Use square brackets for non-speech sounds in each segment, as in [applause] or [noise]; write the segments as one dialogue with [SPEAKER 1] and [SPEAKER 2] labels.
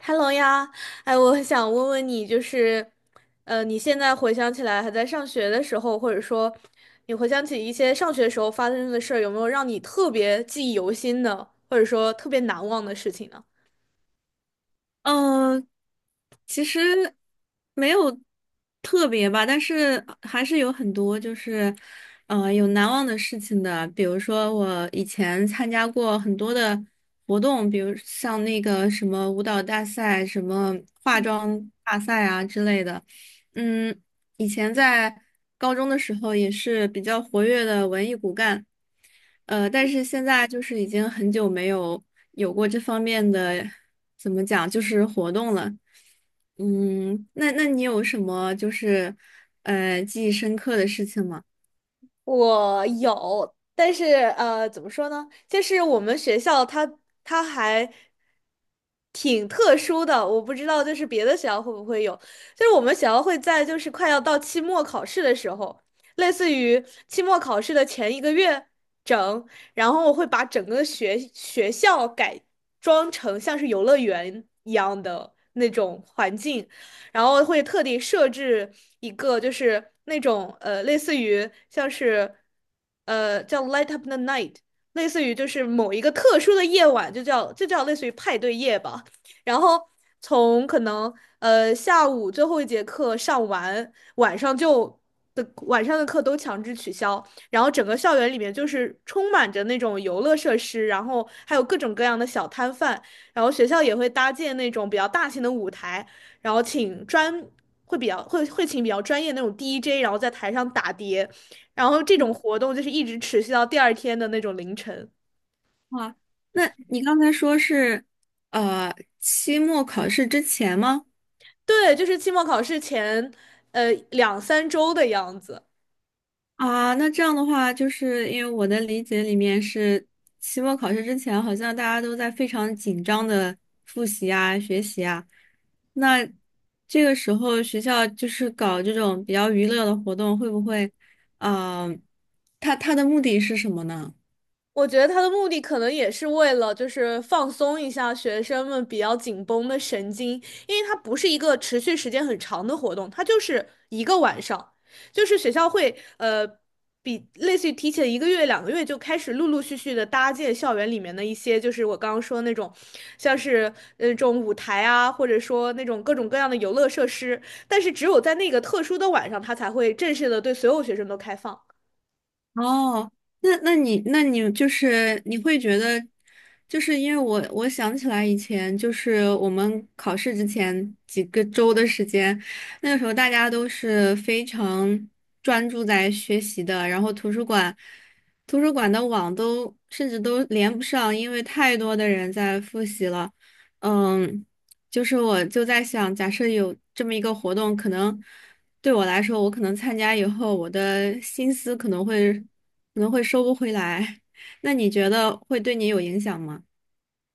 [SPEAKER 1] Hello 呀，哎，我想问问你，就是，你现在回想起来还在上学的时候，或者说你回想起一些上学时候发生的事儿，有没有让你特别记忆犹新的，或者说特别难忘的事情呢？
[SPEAKER 2] 嗯，其实没有特别吧，但是还是有很多就是，有难忘的事情的。比如说我以前参加过很多的活动，比如像那个什么舞蹈大赛、什么化妆大赛啊之类的。嗯，以前在高中的时候也是比较活跃的文艺骨干，但是现在就是已经很久没有过这方面的，怎么讲，就是活动了。嗯，那你有什么就是记忆深刻的事情吗？
[SPEAKER 1] 我有，但是怎么说呢？就是我们学校它还挺特殊的，我不知道就是别的学校会不会有。就是我们学校会在就是快要到期末考试的时候，类似于期末考试的前一个月整，然后我会把整个学校改装成像是游乐园一样的那种环境，然后会特地设置一个就是那种类似于像是叫 Light Up the Night，类似于就是某一个特殊的夜晚，就叫类似于派对夜吧。然后从可能下午最后一节课上完，晚上就的晚上的课都强制取消。然后整个校园里面就是充满着那种游乐设施，然后还有各种各样的小摊贩，然后学校也会搭建那种比较大型的舞台，然后请专会比较会会请比较专业那种 DJ，然后在台上打碟，然后这种活动就是一直持续到第二天的那种凌晨。
[SPEAKER 2] 哇，那你刚才说是呃期末考试之前吗？
[SPEAKER 1] 对，就是期末考试前，呃，两三周的样子。
[SPEAKER 2] 啊，那这样的话，就是因为我的理解里面是，期末考试之前好像大家都在非常紧张的复习啊、学习啊。那这个时候学校就是搞这种比较娱乐的活动，会不会，嗯、呃他的目的是什么呢？
[SPEAKER 1] 我觉得他的目的可能也是为了，就是放松一下学生们比较紧绷的神经，因为它不是一个持续时间很长的活动，它就是一个晚上，就是学校会比类似于提前一个月、两个月就开始陆陆续续的搭建校园里面的一些，就是我刚刚说的那种，像是那种舞台啊，或者说那种各种各样的游乐设施，但是只有在那个特殊的晚上，他才会正式的对所有学生都开放。
[SPEAKER 2] 哦，那你就是你会觉得，就是因为我想起来以前就是我们考试之前几个周的时间，那个时候大家都是非常专注在学习的，然后图书馆的网都甚至都连不上，因为太多的人在复习了。嗯，就是我就在想，假设有这么一个活动，可能对我来说，我可能参加以后，我的心思可能会收不回来。[laughs] 那你觉得会对你有影响吗？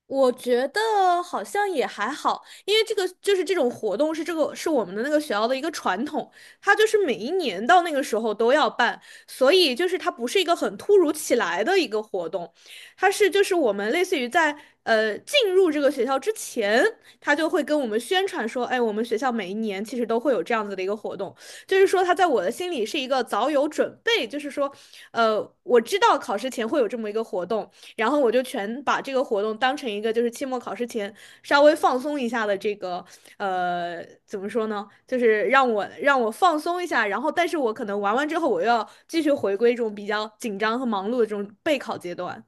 [SPEAKER 1] 我觉得好像也还好，因为这个就是这种活动是这个是我们的那个学校的一个传统，它就是每一年到那个时候都要办，所以就是它不是一个很突如其来的一个活动，它是就是我们类似于在进入这个学校之前，他就会跟我们宣传说，哎，我们学校每一年其实都会有这样子的一个活动，就是说他在我的心里是一个早有准备，就是说，我知道考试前会有这么一个活动。然后我就全把这个活动当成一个就是期末考试前稍微放松一下的这个怎么说呢，就是让我放松一下，然后但是我可能玩完之后我又要继续回归这种比较紧张和忙碌的这种备考阶段。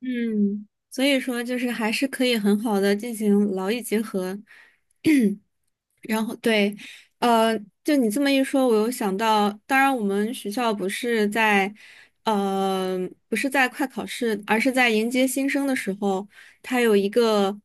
[SPEAKER 2] 嗯，所以说就是还是可以很好的进行劳逸结合，[clears throat] 然后对，呃，就你这么一说，我又想到，当然我们学校不是在，呃，不是在快考试，而是在迎接新生的时候，他有一个，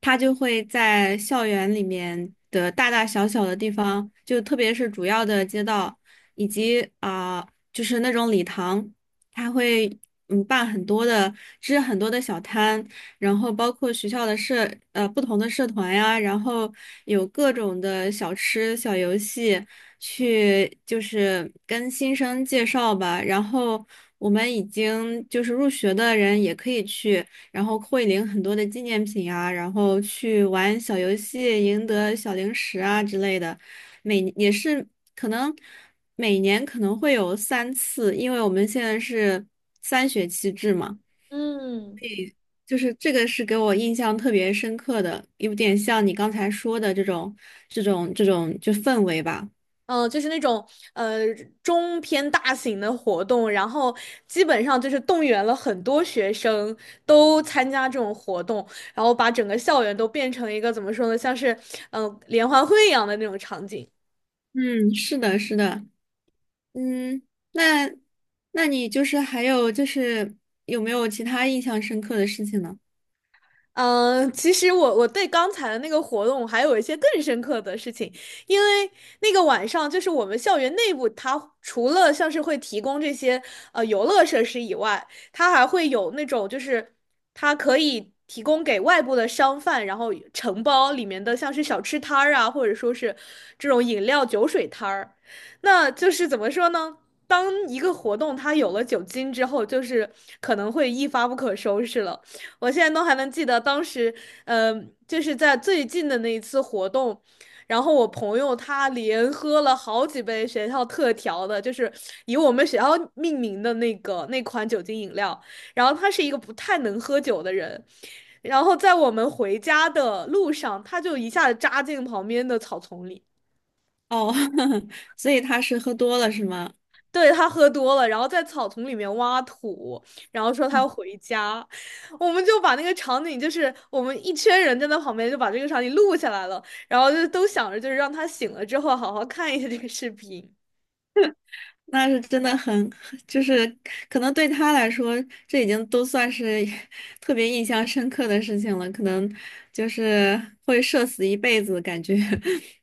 [SPEAKER 2] 他就会在校园里面的大大小小的地方，就特别是主要的街道以及啊、就是那种礼堂。他会办很多的，支很多的小摊，然后包括学校的不同的社团呀，然后有各种的小吃、小游戏，去就是跟新生介绍吧。然后我们已经就是入学的人也可以去，然后会领很多的纪念品啊，然后去玩小游戏，赢得小零食啊之类的。每也是。可能每年可能会有三次，因为我们现在是三学期制嘛，
[SPEAKER 1] 嗯，嗯，
[SPEAKER 2] 就是这个是给我印象特别深刻的，有点像你刚才说的这种就氛围吧。
[SPEAKER 1] 就是那种呃中偏大型的活动，然后基本上就是动员了很多学生都参加这种活动，然后把整个校园都变成一个怎么说呢，像是联欢会一样的那种场景。
[SPEAKER 2] 嗯，是的，是的，嗯，那那你就是还有就是有没有其他印象深刻的事情呢？
[SPEAKER 1] 嗯，其实我对刚才的那个活动还有一些更深刻的事情，因为那个晚上就是我们校园内部，它除了像是会提供这些游乐设施以外，它还会有那种就是它可以提供给外部的商贩，然后承包里面的像是小吃摊儿啊，或者说是这种饮料酒水摊儿，那就是怎么说呢？当一个活动它有了酒精之后，就是可能会一发不可收拾了。我现在都还能记得当时，就是在最近的那一次活动，然后我朋友他连喝了好几杯学校特调的，就是以我们学校命名的那个那款酒精饮料，然后他是一个不太能喝酒的人。然后在我们回家的路上，他就一下子扎进旁边的草丛里。
[SPEAKER 2] 哦，[laughs] 所以他是喝多了是吗？
[SPEAKER 1] 对，他喝多了，然后在草丛里面挖土，然后说他要回家，我们就把那个场景，就是我们一圈人站在旁边，就把这个场景录下来了，然后就都想着就是让他醒了之后好好看一下这个视频。
[SPEAKER 2] 那是真的很，就是可能对他来说，这已经都算是 [laughs] 特别印象深刻的事情了，可能就是会社死一辈子感觉。[laughs]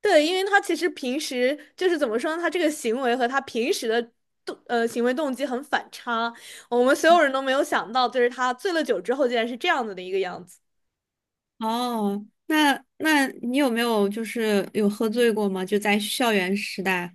[SPEAKER 1] 对，因为他其实平时就是怎么说呢，他这个行为和他平时的行为动机很反差，我们所有人都没有想到，就是他醉了酒之后竟然是这样子的一个样子。
[SPEAKER 2] 哦，那你有没有就是有喝醉过吗？就在校园时代。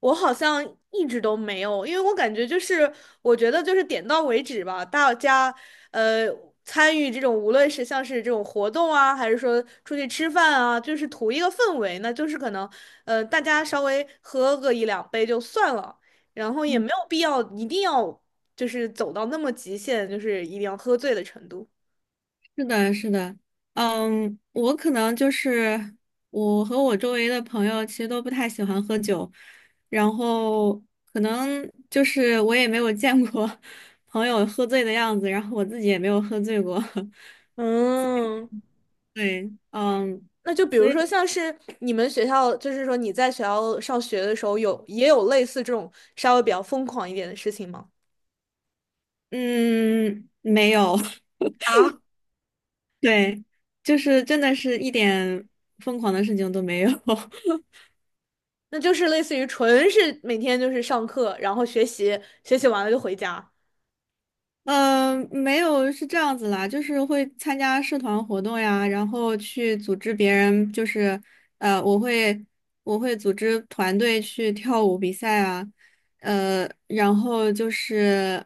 [SPEAKER 1] 我好像一直都没有，因为我感觉就是，我觉得就是点到为止吧。大家呃参与这种，无论是像是这种活动啊，还是说出去吃饭啊，就是图一个氛围，那就是可能大家稍微喝个一两杯就算了，然后也没有必要一定要就是走到那么极限，就是一定要喝醉的程度。
[SPEAKER 2] 是的，是的，嗯，我可能就是我和我周围的朋友其实都不太喜欢喝酒，然后可能就是我也没有见过 [laughs] 朋友喝醉的样子，然后我自己也没有喝醉过，
[SPEAKER 1] 嗯，
[SPEAKER 2] [laughs] 对，嗯，
[SPEAKER 1] 那就比
[SPEAKER 2] 所
[SPEAKER 1] 如
[SPEAKER 2] 以
[SPEAKER 1] 说，像是你们学校，就是说你在学校上学的时候有，也有类似这种稍微比较疯狂一点的事情吗？
[SPEAKER 2] 嗯，没有，
[SPEAKER 1] 啊，
[SPEAKER 2] [laughs] 对，就是真的是一点疯狂的事情都没有，[laughs]
[SPEAKER 1] 那就是类似于纯是每天就是上课，然后学习，学习完了就回家。
[SPEAKER 2] 没有，是这样子啦，就是会参加社团活动呀，然后去组织别人，就是呃，我会我会组织团队去跳舞比赛啊，然后就是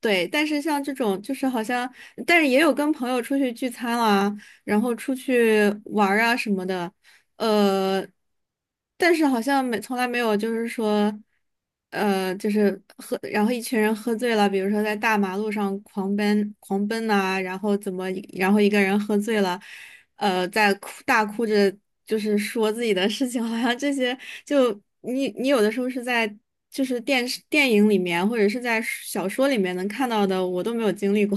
[SPEAKER 2] 对，但是像这种就是好像，但是也有跟朋友出去聚餐啦，然后出去玩儿啊什么的，呃，但是好像没从来没有，就是说，就是喝，然后一群人喝醉了，比如说在大马路上狂奔、狂奔呐、然后怎么，然后一个人喝醉了，在大哭着，就是说自己的事情，好像这些就你有的时候是在就是电视电影里面或者是在小说里面能看到的，我都没有经历过。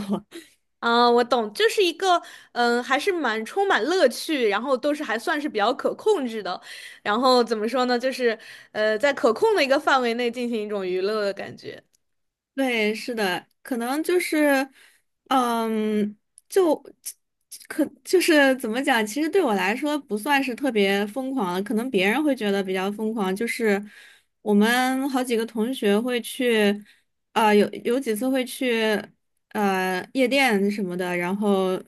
[SPEAKER 1] 啊，我懂，就是一个嗯，还是蛮充满乐趣，然后都是还算是比较可控制的，然后怎么说呢，就是在可控的一个范围内进行一种娱乐的感觉。
[SPEAKER 2] 对，是的，可能就是，嗯，就就是怎么讲？其实对我来说不算是特别疯狂的，可能别人会觉得比较疯狂。就是我们好几个同学会去，啊、有几次会去，夜店什么的，然后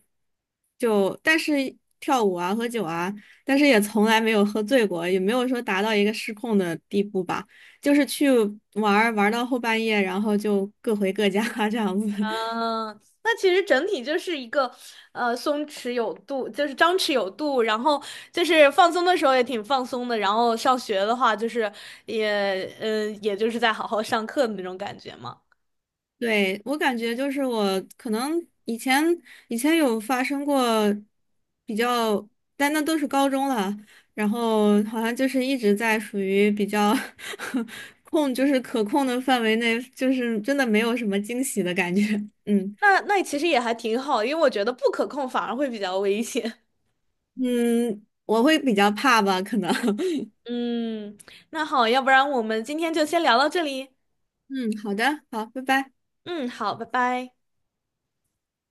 [SPEAKER 2] 就但是跳舞啊、喝酒啊，但是也从来没有喝醉过，也没有说达到一个失控的地步吧。就是去玩儿玩儿到后半夜，然后就各回各家 [laughs] 这样子。[laughs]
[SPEAKER 1] 嗯，那其实整体就是一个，松弛有度，就是张弛有度，然后就是放松的时候也挺放松的，然后上学的话就是也，也就是在好好上课的那种感觉嘛。
[SPEAKER 2] 对，我感觉就是我可能以前有发生过比较，但那都是高中了，然后好像就是一直在属于比较 [laughs] 控，就是可控的范围内，就是真的没有什么惊喜的感觉。嗯
[SPEAKER 1] 那那其实也还挺好，因为我觉得不可控反而会比较危险。
[SPEAKER 2] 嗯，我会比较怕吧，可能。[laughs]
[SPEAKER 1] [laughs] 嗯，那好，要不然我们今天就先聊到这里。
[SPEAKER 2] 嗯，好的，好，拜拜。
[SPEAKER 1] 嗯，好，拜拜。